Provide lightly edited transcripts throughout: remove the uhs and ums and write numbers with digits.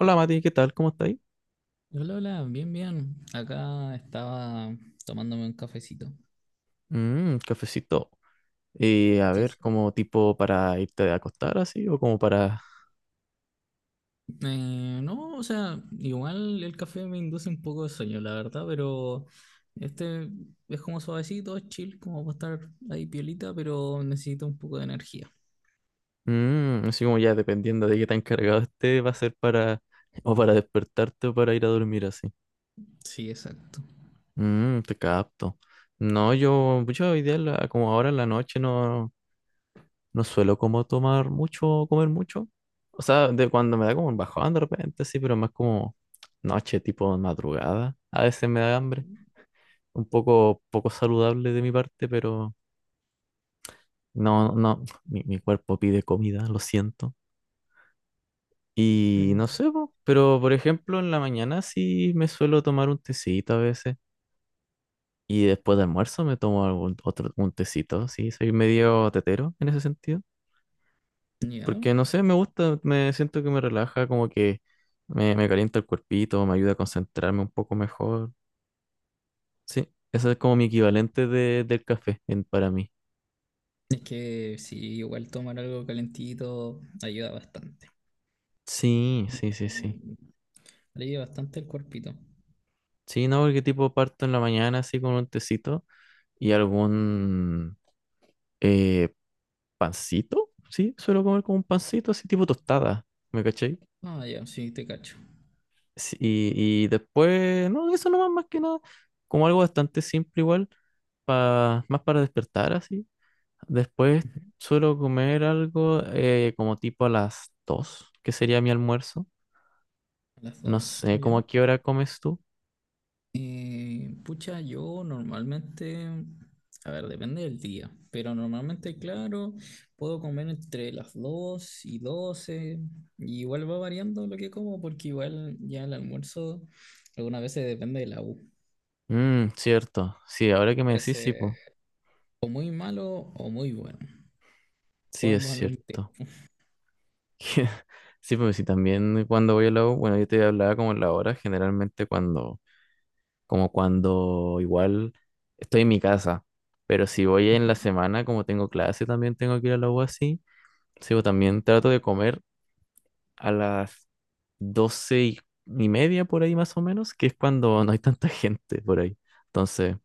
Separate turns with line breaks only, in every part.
Hola Mati, ¿qué tal? ¿Cómo estáis?
Hola, hola, bien, bien. Acá estaba tomándome un cafecito.
Mmm, cafecito. A
Sí,
ver,
sí.
como tipo para irte a acostar así o como para...
No, o sea, igual el café me induce un poco de sueño, la verdad, pero este es como suavecito, es chill, como para estar ahí piolita, pero necesito un poco de energía.
Mmm, así como ya dependiendo de qué tan cargado esté, va a ser para... o para despertarte o para ir a dormir así.
Sí, exacto.
Mmm, te capto. No, yo hoy día, como ahora en la noche, no, no suelo como tomar mucho, o comer mucho. O sea, de cuando me da como un bajón de repente, sí, pero más como noche, tipo madrugada. A veces me da hambre. Un poco, poco saludable de mi parte, pero no, no, mi cuerpo pide comida, lo siento. Y
Mm.
no sé, po, pero por ejemplo en la mañana sí me suelo tomar un tecito a veces, y después de almuerzo me tomo algún otro, un tecito, sí, soy medio tetero en ese sentido,
Ya.
porque no sé, me gusta, me siento que me relaja, como que me calienta el cuerpito, me ayuda a concentrarme un poco mejor, sí, eso es como mi equivalente del café para mí.
Es que sí, igual tomar algo calentito ayuda bastante.
Sí, sí, sí,
Eh,
sí.
Alivia bastante el cuerpito.
Sí, no, porque tipo parto en la mañana así con un tecito y algún eh, pancito, sí, suelo comer como un pancito así tipo tostada, ¿me caché?
Ah, ya, sí, te cacho.
Sí, y después, no, eso nomás más que nada, como algo bastante simple igual, más para despertar así. Después
Ujú.
suelo comer algo, como tipo a las dos, que sería mi almuerzo.
A las
No
dos,
sé, ¿cómo
ya.
a qué hora comes tú?
Pucha, yo normalmente, a ver, depende del día, pero normalmente, claro, puedo comer entre las 2 y 12, y igual va variando lo que como, porque igual ya el almuerzo algunas veces depende de la U.
Mmm, cierto, sí, ahora que me
Pues
decís, sí, po,
o muy malo o muy bueno, o
sí, es
ambos al mismo
cierto.
tiempo.
Sí, pues sí, también cuando voy a la U, bueno, yo te hablaba como en la hora, generalmente cuando, como cuando igual estoy en mi casa, pero si voy en
Ujú.
la semana, como tengo clase, también tengo que ir a la U así, sí, pues también trato de comer a las doce y media por ahí más o menos, que es cuando no hay tanta gente por ahí. Entonces,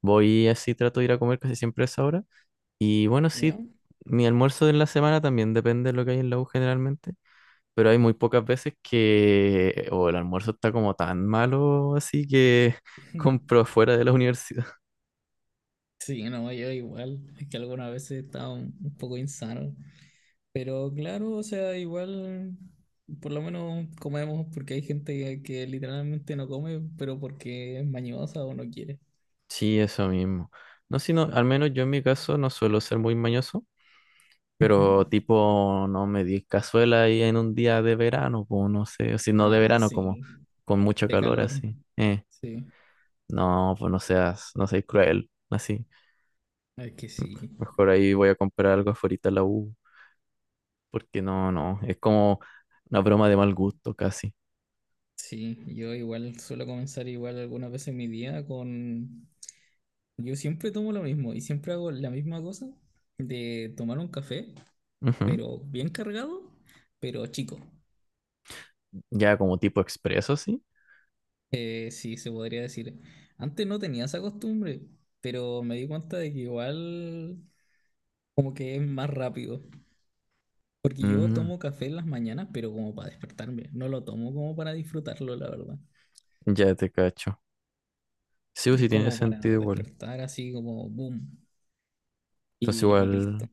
voy así, trato de ir a comer casi siempre a esa hora. Y bueno,
¿Ya?
sí, mi almuerzo de la semana también depende de lo que hay en la U generalmente. Pero hay muy pocas veces que o el almuerzo está como tan malo, así que compro fuera de la universidad.
Sí, no, yo igual, es que algunas veces estaba un poco insano. Pero claro, o sea, igual, por lo menos comemos porque hay gente que literalmente no come, pero porque es mañosa o no quiere.
Sí, eso mismo. No, sino, al menos yo en mi caso no suelo ser muy mañoso,
Ujú.
pero tipo, no me di cazuela ahí en un día de verano, pues no sé, o si no de
Ah,
verano, como
sí,
con mucho
de
calor
calor,
así.
sí,
No, pues no seas, no seas cruel, así.
es que sí.
Mejor ahí voy a comprar algo afuera en la U, porque no, no, es como una broma de mal gusto casi.
Sí, yo igual suelo comenzar igual algunas veces mi día con… Yo siempre tomo lo mismo y siempre hago la misma cosa de tomar un café,
Ujú.
pero bien cargado, pero chico.
Ya como tipo expreso, sí.
Sí, se podría decir. Antes no tenía esa costumbre, pero me di cuenta de que igual como que es más rápido. Porque yo
Mm,
tomo café en las mañanas, pero como para despertarme. No lo tomo como para disfrutarlo, la verdad.
ya te cacho. Sí, o
Es
sí tiene
como
sentido
para
igual.
despertar así como boom
Entonces
y
igual,
listo.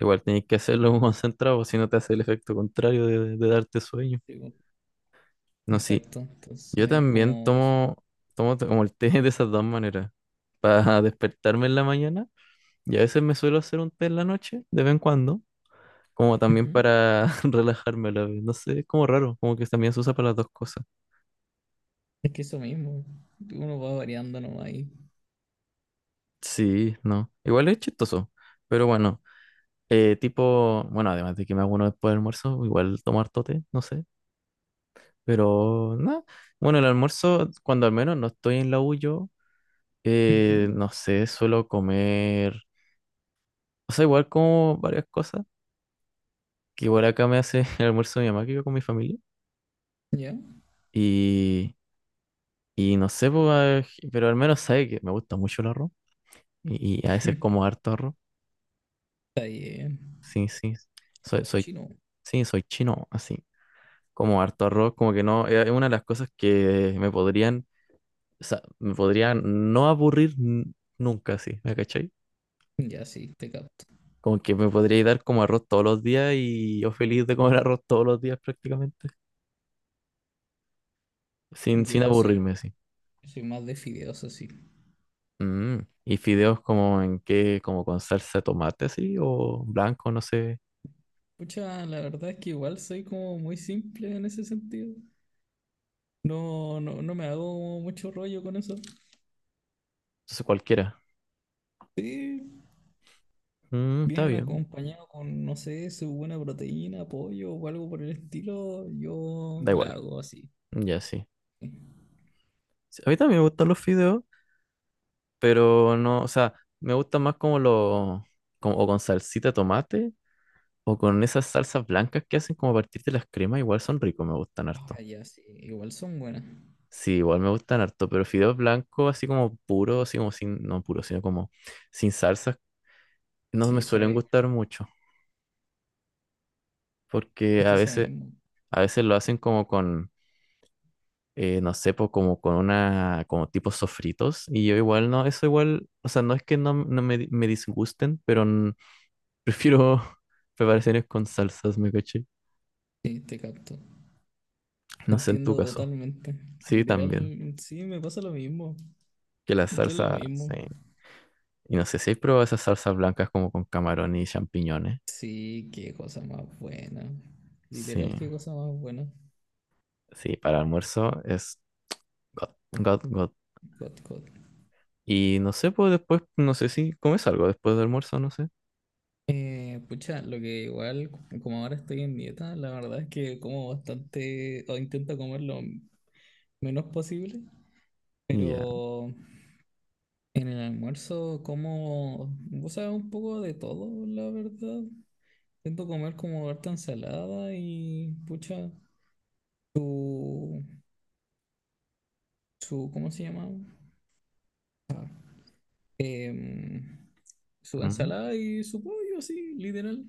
igual tenés que hacerlo concentrado, si no te hace el efecto contrario de darte sueño.
Digo,
No, sí.
exacto. Entonces
Yo
es
también
como eso.
tomo, como el té de esas dos maneras. Para despertarme en la mañana. Y a veces me suelo hacer un té en la noche, de vez en cuando. Como también
Ujú.
para relajarme a la vez. No sé, es como raro. Como que también se usa para las dos cosas.
Es que eso mismo. Uno va variando nomás ahí.
Sí, no. Igual es chistoso. Pero bueno. Tipo, bueno, además de que me hago uno después del almuerzo, igual tomo harto té, no sé. Pero nada, bueno, el almuerzo, cuando al menos no estoy en la U yo,
Ujú.
no sé, suelo comer, o sea, igual como varias cosas, que igual acá me hace el almuerzo mi mamá, que vivo con mi familia.
¿Ya?
Y, y no sé, pues, ah, pero al menos sabe que me gusta mucho el arroz y a veces como harto arroz.
Está bien.
Sí, sí, soy
Chino.
sí, soy chino, así. Como harto arroz, como que no, es una de las cosas que me podrían... O sea, me podría no nunca así, ¿me cachai?
Ya, sí, te capto.
Como que me podría dar como arroz todos los días y yo feliz de comer arroz todos los días prácticamente, sin
Yo soy
aburrirme así.
Soy más de fideos así.
Mm, ¿y fideos como en qué? ¿Como con salsa de tomate así? ¿O blanco? No sé,
Pucha, la verdad es que igual soy como muy simple en ese sentido. No, no me hago mucho rollo con eso.
no sé cualquiera.
Sí,
Mm, está
bien
bien,
acompañado con, no sé, su buena proteína, pollo o algo por el estilo, yo
da igual,
la hago así.
ya sí. Sí, a mí también me gustan los fideos, pero no, o sea, me gustan más como los, como o con salsita de tomate, o con esas salsas blancas que hacen como a partir de las cremas, igual son ricos, me gustan
Ah,
harto.
ya, sí, igual son buenas.
Sí, igual me gustan harto, pero fideos blancos así como puros, así como sin, no puros, sino como sin salsas, no me
Sí,
suelen
sabe,
gustar mucho, porque
es que eso mismo.
a veces lo hacen como con, no sé, po, como con una, como tipo sofritos, y yo igual no, eso igual, o sea, no es que no, no me, me disgusten, pero prefiero preparaciones con salsas, me caché.
Sí, te capto. Te
No sé en tu
entiendo
caso.
totalmente.
Sí,
Literal,
también.
sí, me pasa lo mismo.
Que la
¿Y qué es lo
salsa,
mismo?
sí. Y no sé si he probado esas salsas blancas como con camarón y champiñones.
Sí, qué cosa más buena.
Sí,
Literal, qué cosa más buena.
sí, para almuerzo es God, God, God.
God, God.
Y no sé, pues después, no sé si comes algo después del almuerzo, no sé.
Pucha, lo que igual, como ahora estoy en dieta, la verdad es que como bastante, o intento comer lo menos posible,
Ya,
pero en el almuerzo como, o sea, un poco de todo, la verdad. Intento comer como harta ensalada y, pucha, su, su, ¿cómo se llama? Em, Su
ujú.
ensalada y su pollo, así, literal.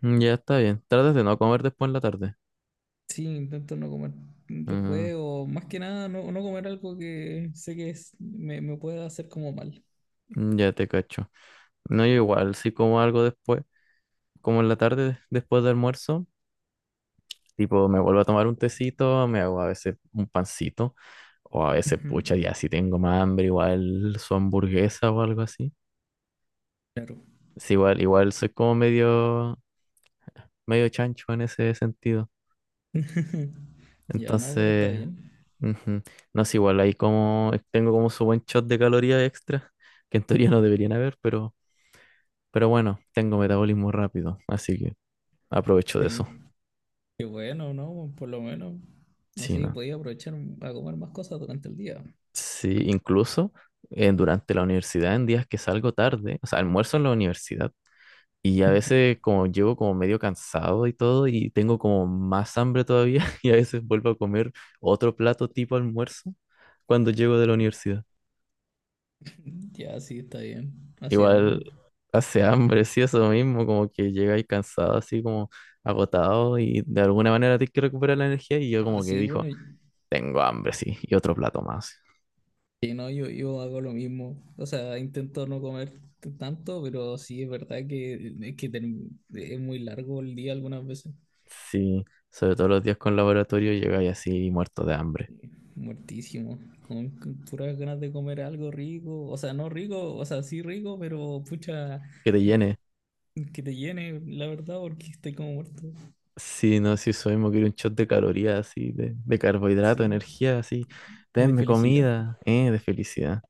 Ya está bien. Tratas de no comer después en la tarde.
Sí, intento no comer
Ujú,
después o más que nada no, no comer algo que me, me pueda hacer como mal.
ya te cacho. No, yo igual, si como algo después, como en la tarde después del almuerzo, tipo me vuelvo a tomar un tecito, me hago a veces un pancito, o a veces,
Ujú.
pucha, ya si tengo más hambre, igual su hamburguesa o algo así.
Claro.
Sí, igual, igual soy como medio, medio chancho en ese sentido.
Ya no, pero está
Entonces,
bien.
ujú. No es igual, ahí como, tengo como su buen shot de calorías extra, que en teoría no deberían haber, pero bueno, tengo metabolismo rápido, así que aprovecho de
Sí,
eso.
qué bueno, ¿no? Por lo menos
Sí,
así
no.
podía aprovechar a comer más cosas durante el día.
Sí, incluso durante la universidad, en días que salgo tarde, o sea, almuerzo en la universidad. Y a
Ujú.
veces como llego como medio cansado y todo y tengo como más hambre todavía y a veces vuelvo a comer otro plato tipo almuerzo cuando llego de la universidad.
Ya, sí, está bien. Así
Igual
hambre.
hace hambre, sí, eso mismo, como que llegáis cansado, así como agotado y de alguna manera tienes que recuperar la energía y yo
Ah,
como que
sí,
dijo,
bueno,
tengo hambre, sí, y otro plato más.
sí, no, yo hago lo mismo. O sea, intento no comer tanto, pero sí es verdad que, es muy largo el día algunas veces.
Sí, sobre todo los días con laboratorio llegáis así muerto de hambre.
Muertísimo, con puras ganas de comer algo rico, o sea, no rico, o sea, sí rico, pero pucha,
Que te llene.
que te llene, la verdad, porque estoy como muerto.
Sí, no, sí, eso mismo, quiero un shot de calorías, así, de carbohidrato,
Sí,
energía, así,
de
denme
felicidad.
comida, de felicidad.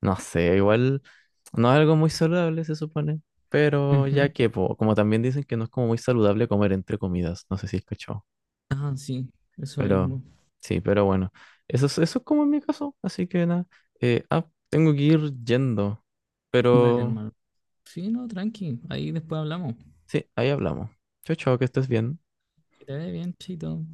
No sé, igual no es algo muy saludable, se supone, pero
Ujú.
ya que, po, como también dicen que no es como muy saludable comer entre comidas, no sé si es cachado,
Ah, sí, eso
pero
mismo.
sí, pero bueno, eso es como en mi caso, así que nada, tengo que ir yendo,
Dale,
pero
hermano. Sí, no, tranqui, ahí después hablamos.
sí, ahí hablamos. Chao, chao, que estés bien.
Que te vaya bien, chito.